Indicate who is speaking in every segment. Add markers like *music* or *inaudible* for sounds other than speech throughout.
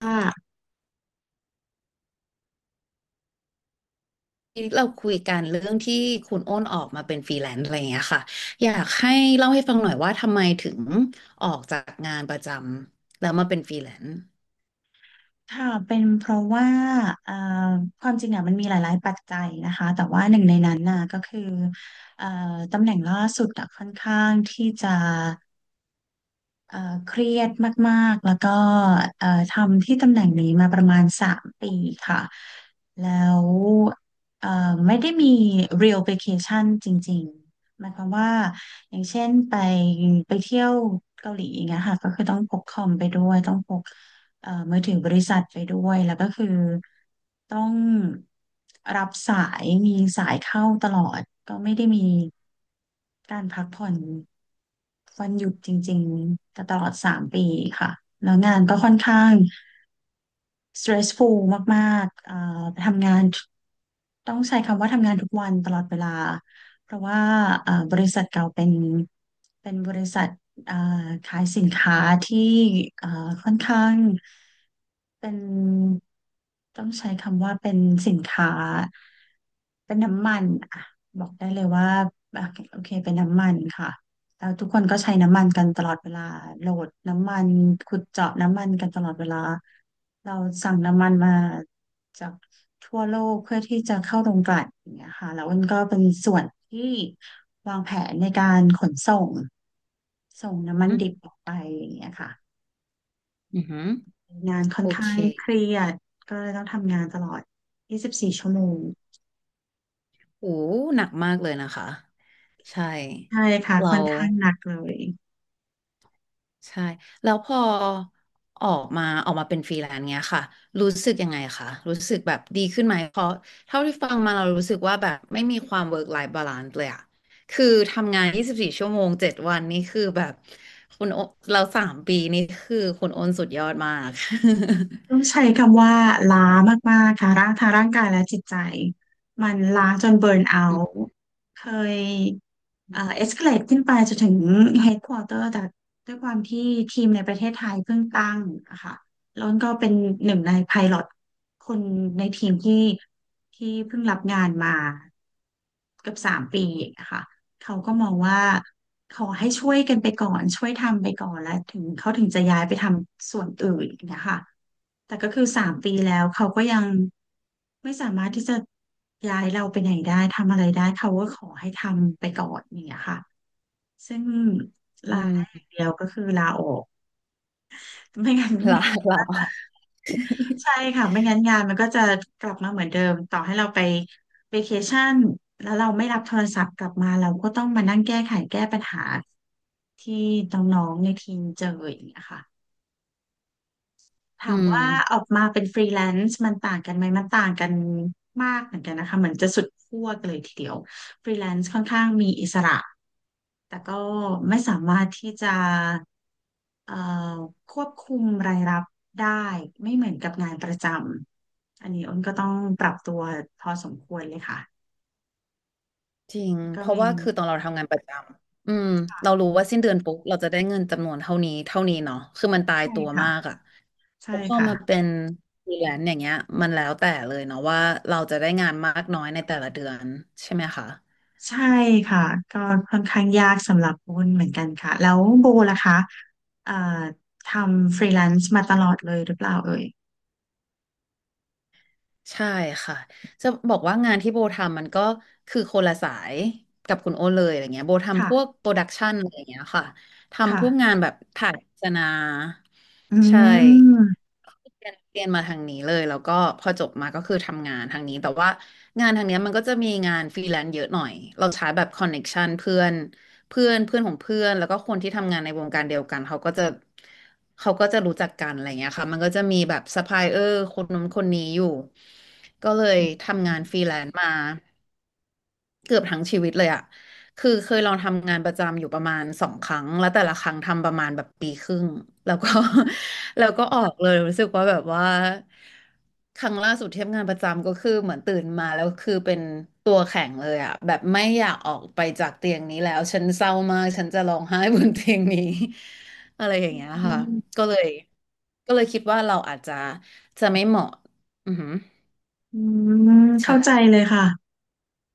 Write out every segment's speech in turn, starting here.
Speaker 1: ค่ะ
Speaker 2: ที่เราคุยกันเรื่องที่คุณโอ้นออกมาเป็นฟรีแลนซ์อะไรอย่างเงี้ยค่ะอยากให้เล่าให้ฟังหน่อยว่าทำไมถึงออกจากงานประจำแล้วมาเป็นฟรีแลนซ์
Speaker 1: ค่ะเป็นเพราะว่าเอ่อความจริงอ่ะมันมีหลายๆ ปัจจัยนะคะ แต่ว่าหนึ่งในนั้นน่ะก็คือเอ่อตำแหน่งล่าสุดอ่ะค่อนข้างที่จะเอ่อเครียดมากๆ แล้วก็ทำที่ตำแหน่งนี้มาประมาณสามปีค่ะ แล้วเอ่อไม่ได้มี real vacation จริงๆหมายความว่า อย่างเช่นไปเที่ยวเกาหลีอย่างเงี้ยค่ะก็คือต้องพกคอมไปด้วยต้องพก มือถือบริษัทไปด้วยแล้วก็คือต้องรับสายมีสายเข้าตลอดก็ไม่ได้มีการพักผ่อนวันหยุดจริงๆแตตลอดสามปีค่ะแล้วงานก็ค่อนข้าง stressful มากๆทำงานต้องใช้คำว่าทำงานทุกวันตลอดเวลาเพราะว่าบริษัทเก่าเป็นบริษัทอ่าขายสินค้าที่อ่าค่อนข้างเป็นต้องใช้คำว่าเป็นสินค้าเป็นน้ำมันอ่ะบอกได้เลยว่าอ่ะโอเคเป็นน้ำมันค่ะ แล้วทุกคนก็ใช้น้ำมันกันตลอดเวลาโหลดน้ำมันขุดเจาะน้ำมันกันตลอดเวลาเราสั่งน้ำมันมาจากทั่วโลกเพื่อที่จะเข้าโรงกลั่นอย่างเงี้ยค่ะแล้วมันก็เป็นส่วนที่วางแผนในการขนส่งส่งน้ำมัน
Speaker 2: อืม
Speaker 1: ดิบออกไปอย่างเงี้ยค่ะ
Speaker 2: อือหือ
Speaker 1: งานค่อ
Speaker 2: โอ
Speaker 1: น
Speaker 2: เค
Speaker 1: ข้างเครียดก็เลยต้องทำงานตลอด24 ชั่วโมง ชั่วโมง
Speaker 2: โอ้หนักมากเลยนะคะใช่
Speaker 1: ใช่ค่ะ
Speaker 2: เรา
Speaker 1: ค่อนข้างหนักเลย
Speaker 2: ใช่แล้วพอออกมาออกมาเป็นฟรีแลนซ์เงี้ยค่ะรู้สึกยังไงคะรู้สึกแบบดีขึ้นไหมเพราะเท่าที่ฟังมาเรารู้สึกว่าแบบไม่มีความ work life balance เลยอะคือทำงาน 24 ชั่วโมง7วันนี่คือแบบคุณโอเราสามปีนี่คือคุณโอนสุดยอดมาก
Speaker 1: ต้องใช้คำว่าล้ามากๆค่ะร่างทางร่างกายและจิตใจมันล้าจนเบิร์นเอา
Speaker 2: *laughs*
Speaker 1: ท์เคยเอ็กซ์เคลดขึ้นไปจนถึงเฮดควอเตอร์แต่ด้วยความที่ทีมในประเทศไทยเพิ่งตั้งอะค่ะแล้วก็เป็นหนึ่งในไพลอตคนในทีมที่เพิ่งรับงานมาเกือบ 3 ปีอะค่ะ เขาก็มองว่าขอให้ช่วยกันไปก่อนช่วยทำไปก่อนแล้วถึงเขาถึงจะย้ายไปทำส่วนอื่นนะคะแต่ก็คือสามปีแล้วเขาก็ยังไม่สามารถที่จะย้ายเราไปไหนได้ทำอะไรได้เขาก็ขอให้ทำไปก่อนอย่างเงี้ยค่ะซึ่งลา
Speaker 2: อื
Speaker 1: ได้อ
Speaker 2: ม
Speaker 1: ย่างเดียวก็คือลาออกไม่งั้น
Speaker 2: หรอหรอ
Speaker 1: ใช่ค่ะไม่งั้นงานมันก็จะกลับมาเหมือนเดิมต่อให้เราไปเวเคชั่นแล้วเราไม่รับโทรศัพท์กลับมาเราก็ต้องมานั่งแก้ไขแก้ปัญหา ที่น้องๆในทีมเจออย่างเงี้ยค่ะ
Speaker 2: อื
Speaker 1: ถาม
Speaker 2: ม
Speaker 1: ว่าออกมาเป็นฟรีแลนซ์มันต่างกันไหมมันต่างกันมากเหมือนกันนะคะเหมือนจะสุดขั้วกันเลยทีเดียวฟรีแลนซ์ค่อนข้างมีอิสระแต่ก็ไม่สามารถที่จะเอ่อควบคุมรายรับได้ไม่เหมือนกับงานประจำอันนี้อ้นก็ต้องปรับตัวพอสมควรเลยค่ะ
Speaker 2: จริง
Speaker 1: ก็
Speaker 2: เพราะ
Speaker 1: เป็น
Speaker 2: ว่าคือตอนเราทำงานประจำอืมเรา
Speaker 1: ค่ะ
Speaker 2: รู้ว่าสิ้นเดือนปุ๊บเราจะได้เงินจำนวนเท่านี้เท่านี้เนาะคือมันตาย
Speaker 1: ใช่
Speaker 2: ตัว
Speaker 1: ค่ะ
Speaker 2: มากอ่ะพ
Speaker 1: ใช่
Speaker 2: อ
Speaker 1: ค่ะ
Speaker 2: มาเป็นฟรีแลนซ์อย่างเงี้ยมันแล้วแต่เลยเนาะว่าเราจะได้งานมากน้อยในแต่ละเดือนใช่ไหมคะ
Speaker 1: ใช่ค่ะก็ค่อนข้างยากสำหรับวุ้นเหมือนกันค่ะแล้วโบล่ะคะเอ่อทำฟรีแลนซ์มาตลอดเลยหรือเปล่าเอ่ย
Speaker 2: ใช่ค่ะ จะบอกว่างานที่โบทำมันก็คือคนละสายกับคุณโอตเลยอะไรเงี้ยโบทำพวก
Speaker 1: ค่ะ
Speaker 2: โปรดักชันอะไรเงี้ยค่ะทำพวก
Speaker 1: ค่ะ
Speaker 2: งานแบบถ่ายโฆษณา
Speaker 1: อื
Speaker 2: ใช่
Speaker 1: ม
Speaker 2: เรียนมาทางนี้เลยแล้วก็พอจบมาก็คือทำงานทางนี้แต่ว่างานทางเนี้ยมันก็จะมีงานฟรีแลนซ์เยอะหน่อยเราใช้แบบคอนเน็กชันเพื่อนเพื่อนเพื่อนของเพื่อนแล้วก็คนที่ทำงานในวงการเดียวกันเขาก็จะรู้จักกันอะไรเงี้ยค่ะมันก็จะมีแบบซัพพลายเออร์คนนู้นคนนี้อยู่ก็เลย
Speaker 1: อืม
Speaker 2: ทำงานฟรีแลนซ์มา เกือบทั้งชีวิตเลยอะคือเคยลองทำงานประจำอยู่ประมาณสองครั้ง แล้วแต่ละครั้งทำประมาณแบบปีครึ่ง แล้วก็ *laughs* แล้วก็ออกเลยรู้สึกว่าแบบว่าครั้งล่าสุดที่ทำงานประจำก็คือเหมือนตื่นมาแล้วคือเป็นตัวแข็งเลยอะแบบไม่อยากออกไปจากเตียงนี้แล้วฉันเศร้ามากฉันจะร้องไห้บนเตียงนี้ *laughs* อะไรอย่างเงี้ยค่ะก็เลยคิดว่าเราอาจจะไม่เหมาะอือหือ
Speaker 1: อืมเข้าใจ
Speaker 2: ใช่
Speaker 1: เลยค่ะ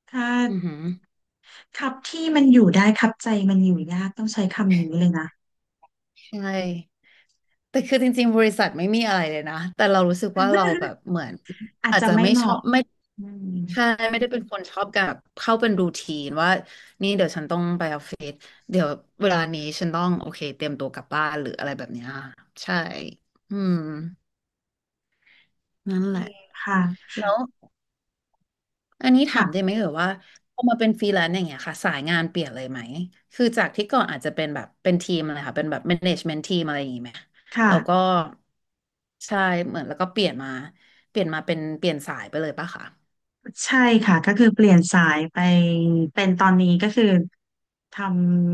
Speaker 1: ถ้า
Speaker 2: อือหือ
Speaker 1: ครับที่มันอยู่ได้ครับใจมันอยู่ยากต้องใช้คำนี้เลยนะ
Speaker 2: ใช่ แต่คือจริงๆบริษัทไม่มีอะไรเลยนะแต่เรารู้สึกว่าเราแบ
Speaker 1: *laughs*
Speaker 2: บเหมือน
Speaker 1: อาจ
Speaker 2: อาจ
Speaker 1: จะ
Speaker 2: จะ
Speaker 1: ไม่
Speaker 2: ไม่
Speaker 1: เห
Speaker 2: ชอ
Speaker 1: มาะ
Speaker 2: บไม่
Speaker 1: อืม
Speaker 2: ใช่ไม่ได้เป็นคนชอบกับเข้าเป็นรูทีนว่านี่เดี๋ยวฉันต้องไปออฟฟิศเดี๋ยวเวลานี้ฉันต้องโอเคเตรียมตัวกลับบ้านหรืออะไรแบบเนี้ยใช่อืมนั่น
Speaker 1: จ
Speaker 2: แห
Speaker 1: ริ
Speaker 2: ละ
Speaker 1: งค่ะ
Speaker 2: แล้
Speaker 1: ค่
Speaker 2: ว อันนี้ถามได้
Speaker 1: ะ
Speaker 2: ไหมเอ่ยว่าพอมาเป็นฟรีแลนซ์อย่างเงี้ยค่ะสายงานเปลี่ยนเลยไหมคือจากที่ก่อนอาจจะเป็นแบบเป็นทีมอะไรค่ะเป็นแบบแมเนจเมน t ทีมอะไรอย่างงี้ไหมแล้วก็
Speaker 1: ค่ะ
Speaker 2: ใช่เหมือนแล้วก็เปลี่ยนมาเป็นเปลี่ยนสายไปเลยปะคะ
Speaker 1: ใช่ค่ะก็คือเปลี่ยนสายไปเป็นตอนนี้ก็คือท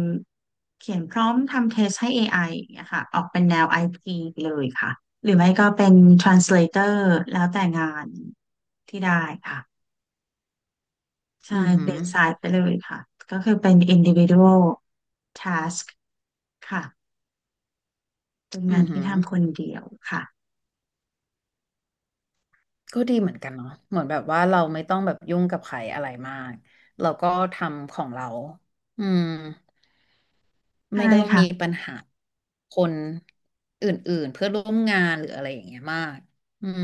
Speaker 1: ำเขียนพร้อมทำเทสให้ AI อไออย่างเงี้ยค่ะออกเป็นแนว i p เลยค่ะหรือไม่ก็เป็น translator แล้วแต่งานที่ได้ค่ะใช่
Speaker 2: อือ
Speaker 1: เป
Speaker 2: หื
Speaker 1: ลี่
Speaker 2: อ
Speaker 1: ยนสายไปเลยค่ะก็คือเป็น individual task ค่ะเป็นงา
Speaker 2: อื
Speaker 1: น
Speaker 2: อหื
Speaker 1: ที่
Speaker 2: อ
Speaker 1: ทำคนเดียวค่ะ
Speaker 2: ก็ดีเหมือนกันเนาะเหมือนแบบว่าเราไม่ต้องแบบยุ่งกับใครอะไรมากเราก็ทำของเราอืม
Speaker 1: ใช่
Speaker 2: ไม่ได้ต้อง
Speaker 1: ค่ะ
Speaker 2: มีปัญหาคนอื่นๆเพื่อนร่วมงานหรืออะไรอย่างเงี้ยมากอืม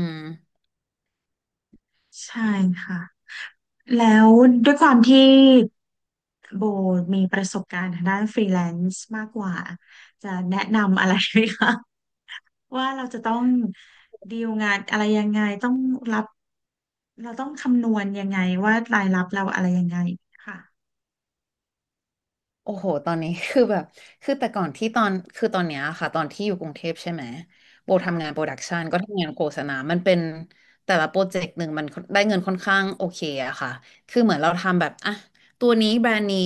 Speaker 1: ใช่ค่ะแล้วด้วยความที่ โบมีประสบการณ์ทางด้านฟรีแลนซ์มากกว่าจะแนะนำอะไรไหมคะ *laughs* ว่าเราจะต้องดีลงานอะไรยังไงต้องรับเราต้องคำนวณยังไงว่ารายรับเราอะไรยังไงค่ะ
Speaker 2: โอ้โห ตอนนี้ *laughs* คือแบบคือแต่ก่อนที่ตอนคือตอนเนี้ยค่ะตอนที่อยู่กรุงเทพใช่ไหมโบทำงาน
Speaker 1: ค่ะ
Speaker 2: โปรดักชันก็ทำงานโฆษณามันเป็นแต่ละโปรเจกต์หนึ่งมันได้เงินค่อนข้างโอเคอะค่ะคือเหมือนเราทำแบบอ่ะตัวนี้แบรนด์นี้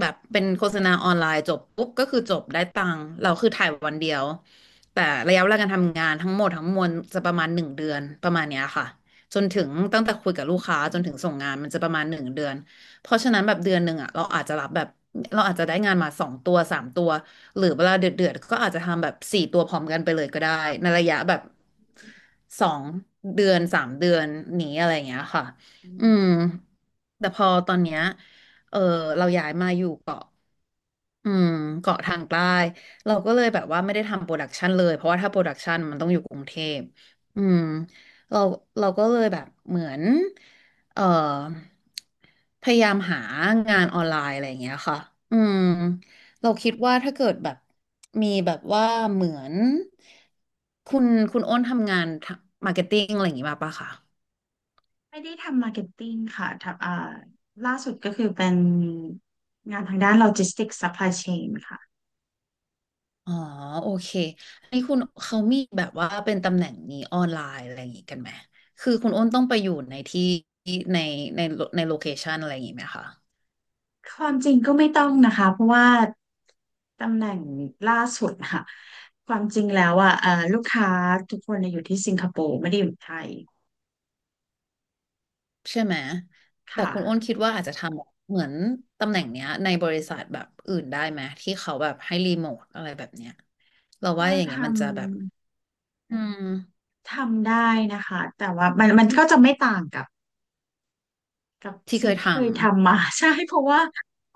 Speaker 2: แบบเป็นโฆษณาออนไลน์จบปุ๊บก็คือจบได้ตังค์เราคือถ่ายวันเดียวแต่ระยะเวลาการทำงานทั้งหมดทั้งมวลจะประมาณหนึ่งเดือนประมาณเนี้ยค่ะ จนถึงตั้งแต่คุยกับลูกค้าจนถึงส่งงานมันจะประมาณหนึ่งเดือน เพราะฉะนั้นแบบเดือนหนึ่งอ่ะเราอาจจะรับแบบเราอาจจะได้งานมาสองตัวสามตัวหรือเวลาเดือดๆก็อาจจะทำแบบสี่ตัวพร้อมกันไปเลยก็ได้ในระยะแบบสองเดือนสามเดือนนี้อะไรอย่างเงี้ยค่ะ
Speaker 1: อื
Speaker 2: อื
Speaker 1: ม
Speaker 2: มแต่พอตอนเนี้ยเออเราย้ายมาอยู่เกาะ อืมเกาะทางใต้เราก็เลยแบบว่าไม่ได้ทำโปรดักชันเลยเพราะว่าถ้าโปรดักชันมันต้องอยู่กรุงเทพอืมเราเราก็เลยแบบเหมือนเอ่อพยายามหางานออนไลน์อะไรอย่างเงี้ยค่ะอืมเราคิดว่าถ้าเกิดแบบมีแบบว่าเหมือนคุณคุณโอ้นทำงานมาร์เก็ตติ้งอะไรอย่างงี้มาปะคะ
Speaker 1: ไม่ได้ทำมาร์เก็ตติ้งค่ะทำล่าสุดก็คือเป็นงานทางด้านโลจิสติกส์ซัพพลายเชนค่ะ
Speaker 2: อ๋อโอเคไอ้คุณเขามีแบบว่าเป็นตำแหน่งนี้ออนไลน์อะไรอย่างงี้กันไหมคือคุณอ้นต้องไปอยู่ในที่ในในในโลเคชันอะไรอย่างงี้ไหมคะ
Speaker 1: ความจริงก็ไม่ต้องนะคะเพราะว่า ตำแหน่งล่าสุดค่ะ *laughs* ความจริงแล้วอ่ะลูกค้าทุกคนเนี่ยอยู่ที่สิงคโปร์ไม่ได้อยู่ไทย
Speaker 2: ใช่ไหม
Speaker 1: ค
Speaker 2: แต่คุณอ้น
Speaker 1: ่ะ
Speaker 2: คิดว่าอาจจะทำเหมือนตำแหน่งเนี้ยในบริษัทแบบอื่นได้ไหมที่เขาแบบให้รีโมทอะไรแบบเนี้ยเราว่า
Speaker 1: ก็
Speaker 2: อย่างเงี้ยมั
Speaker 1: ทำ
Speaker 2: นจะแบบอืม
Speaker 1: ทำได้นะคะแต่ว่ามันมันก็จะไม่ต่างกับ
Speaker 2: ที่เค
Speaker 1: สิ่ง
Speaker 2: ยท
Speaker 1: ที่เคยทำมา *laughs* ใช่เพราะว่า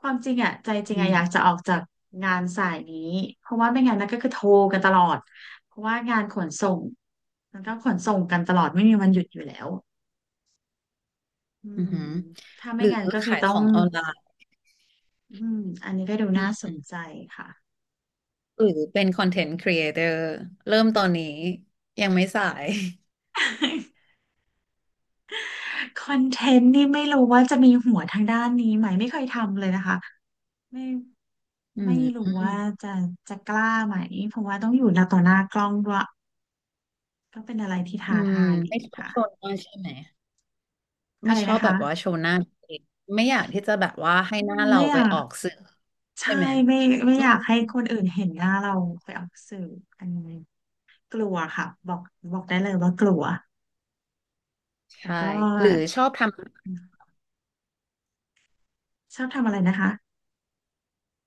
Speaker 1: ความจริงอ่ะใจจ
Speaker 2: ำ
Speaker 1: ริงอ่ะ
Speaker 2: นี่
Speaker 1: อยากจะออกจากงานสายนี้เพราะว่าไม่งั้นนะก็คือโทรกันตลอดเพราะว่างานขนส่งมันก็ขนส่งกันตลอดไม่มีวันหยุดอยู่แล้วอื
Speaker 2: อือ
Speaker 1: ม
Speaker 2: หือ
Speaker 1: ถ้า
Speaker 2: ห
Speaker 1: ไม่
Speaker 2: รือ
Speaker 1: งั้นก็คือ
Speaker 2: ขาย
Speaker 1: ต้อ
Speaker 2: ข
Speaker 1: ง
Speaker 2: องออนไลน์
Speaker 1: อืมอันนี้ก็ดูน่าสนใจค่ะ
Speaker 2: หรือเป็นคอนเทนต์ครีเอเตอร์เริ่มตอนนี้ยังไม่สาย *laughs*
Speaker 1: *laughs* คอนเทนต์นี่ไม่รู้ว่าจะมีหัวทางด้านนี้ไหมไม่เคยทำเลยนะคะไม่
Speaker 2: อื
Speaker 1: ไม่รู้
Speaker 2: ม
Speaker 1: ว่าจะจะกล้าไหมเพราะว่าต้องอยู่หน้าต่อหน้ากล้องด้วยก็เป็นอะไรที่
Speaker 2: อื
Speaker 1: ท้า
Speaker 2: ม
Speaker 1: ทาย
Speaker 2: ไม่
Speaker 1: ดี
Speaker 2: ชอบ
Speaker 1: ค่ะ
Speaker 2: โชว์หน้าใช่ไหมไม่
Speaker 1: อะไร
Speaker 2: ชอ
Speaker 1: นะ
Speaker 2: บแบ
Speaker 1: คะ
Speaker 2: บว่าโชว์หน้าตัวเองไม่อยากที่จะแบบว่าให้หน้าเรา
Speaker 1: ไม่อ
Speaker 2: ไป
Speaker 1: ยาก
Speaker 2: ออกสื่อใช่
Speaker 1: ใช่
Speaker 2: ไหม
Speaker 1: ไม่ไม่
Speaker 2: อื
Speaker 1: อยาก
Speaker 2: ม
Speaker 1: ให้คนอื่นเห็นหน้าเราไปออกสื่ออันนี้กลัวค่ะบอกได้เลยว่ากลัวแต่
Speaker 2: ใช่
Speaker 1: ก็
Speaker 2: หรือชอบทำ
Speaker 1: ชอบทำอะไรนะคะ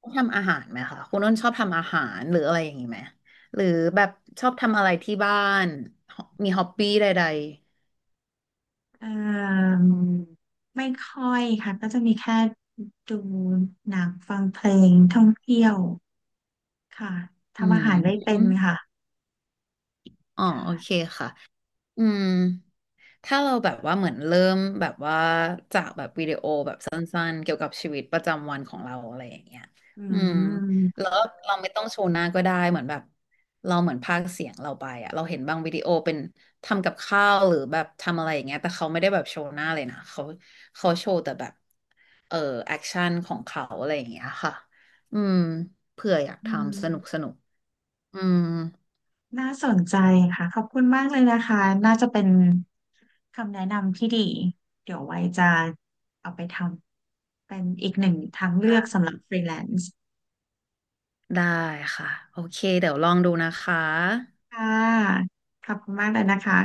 Speaker 2: ชอบทำอาหารไหมคะคุณน้นชอบทำอาหารหรืออะไรอย่างนี้ไหมหรือแบบชอบทำอะไรที่บ้านมีฮอปปี้ใด
Speaker 1: เอ่มไม่ค่อยค่ะก็จะมีแค่ดูหนังฟังเพลงท่องเที่ยวค่ะ
Speaker 2: ๆอื
Speaker 1: ทำอา
Speaker 2: ม
Speaker 1: หารได้เป็นค่ะ
Speaker 2: อ๋อ
Speaker 1: ค
Speaker 2: โอเค
Speaker 1: ่ะ
Speaker 2: ค่ะอืม ถ้าเราแบบว่าเหมือนเริ่มแบบว่าจากแบบวิดีโอแบบสั้นๆเกี่ยวกับชีวิตประจำวันของเราอะไรอย่างเงี้ย
Speaker 1: อื
Speaker 2: อืมแล้
Speaker 1: ม
Speaker 2: วเราไม่ต้องโชว์หน้าก็ได้เหมือนแบบเราเหมือนพากย์เสียงเราไปอะเราเห็นบางวิดีโอเป็นทำกับข้าวหรือแบบทำอะไรอย่างเงี้ยแต่เขาไม่ได้แบบโชว์หน้าเลยนะเขาเขาโชว์แต่แบบเออแอคชั่นของเขาอะไรอย่างเงี้ยค่ะอืมเผื่ออยาก
Speaker 1: อื
Speaker 2: ทำสนุกส
Speaker 1: ม
Speaker 2: นุกอืม
Speaker 1: น่าสนใจค่ะขอบคุณมากเลยนะคะน่าจะเป็นคำแนะนำที่ดีเดี๋ยวไว้จะเอาไปทำเป็นอีกหนึ่งทางเลือกสำหรับฟรีแลนซ์
Speaker 2: ได้ค่ะโอเคเดี๋ยวลองดูนะคะ
Speaker 1: ค่ะขอบคุณมากเลยนะคะ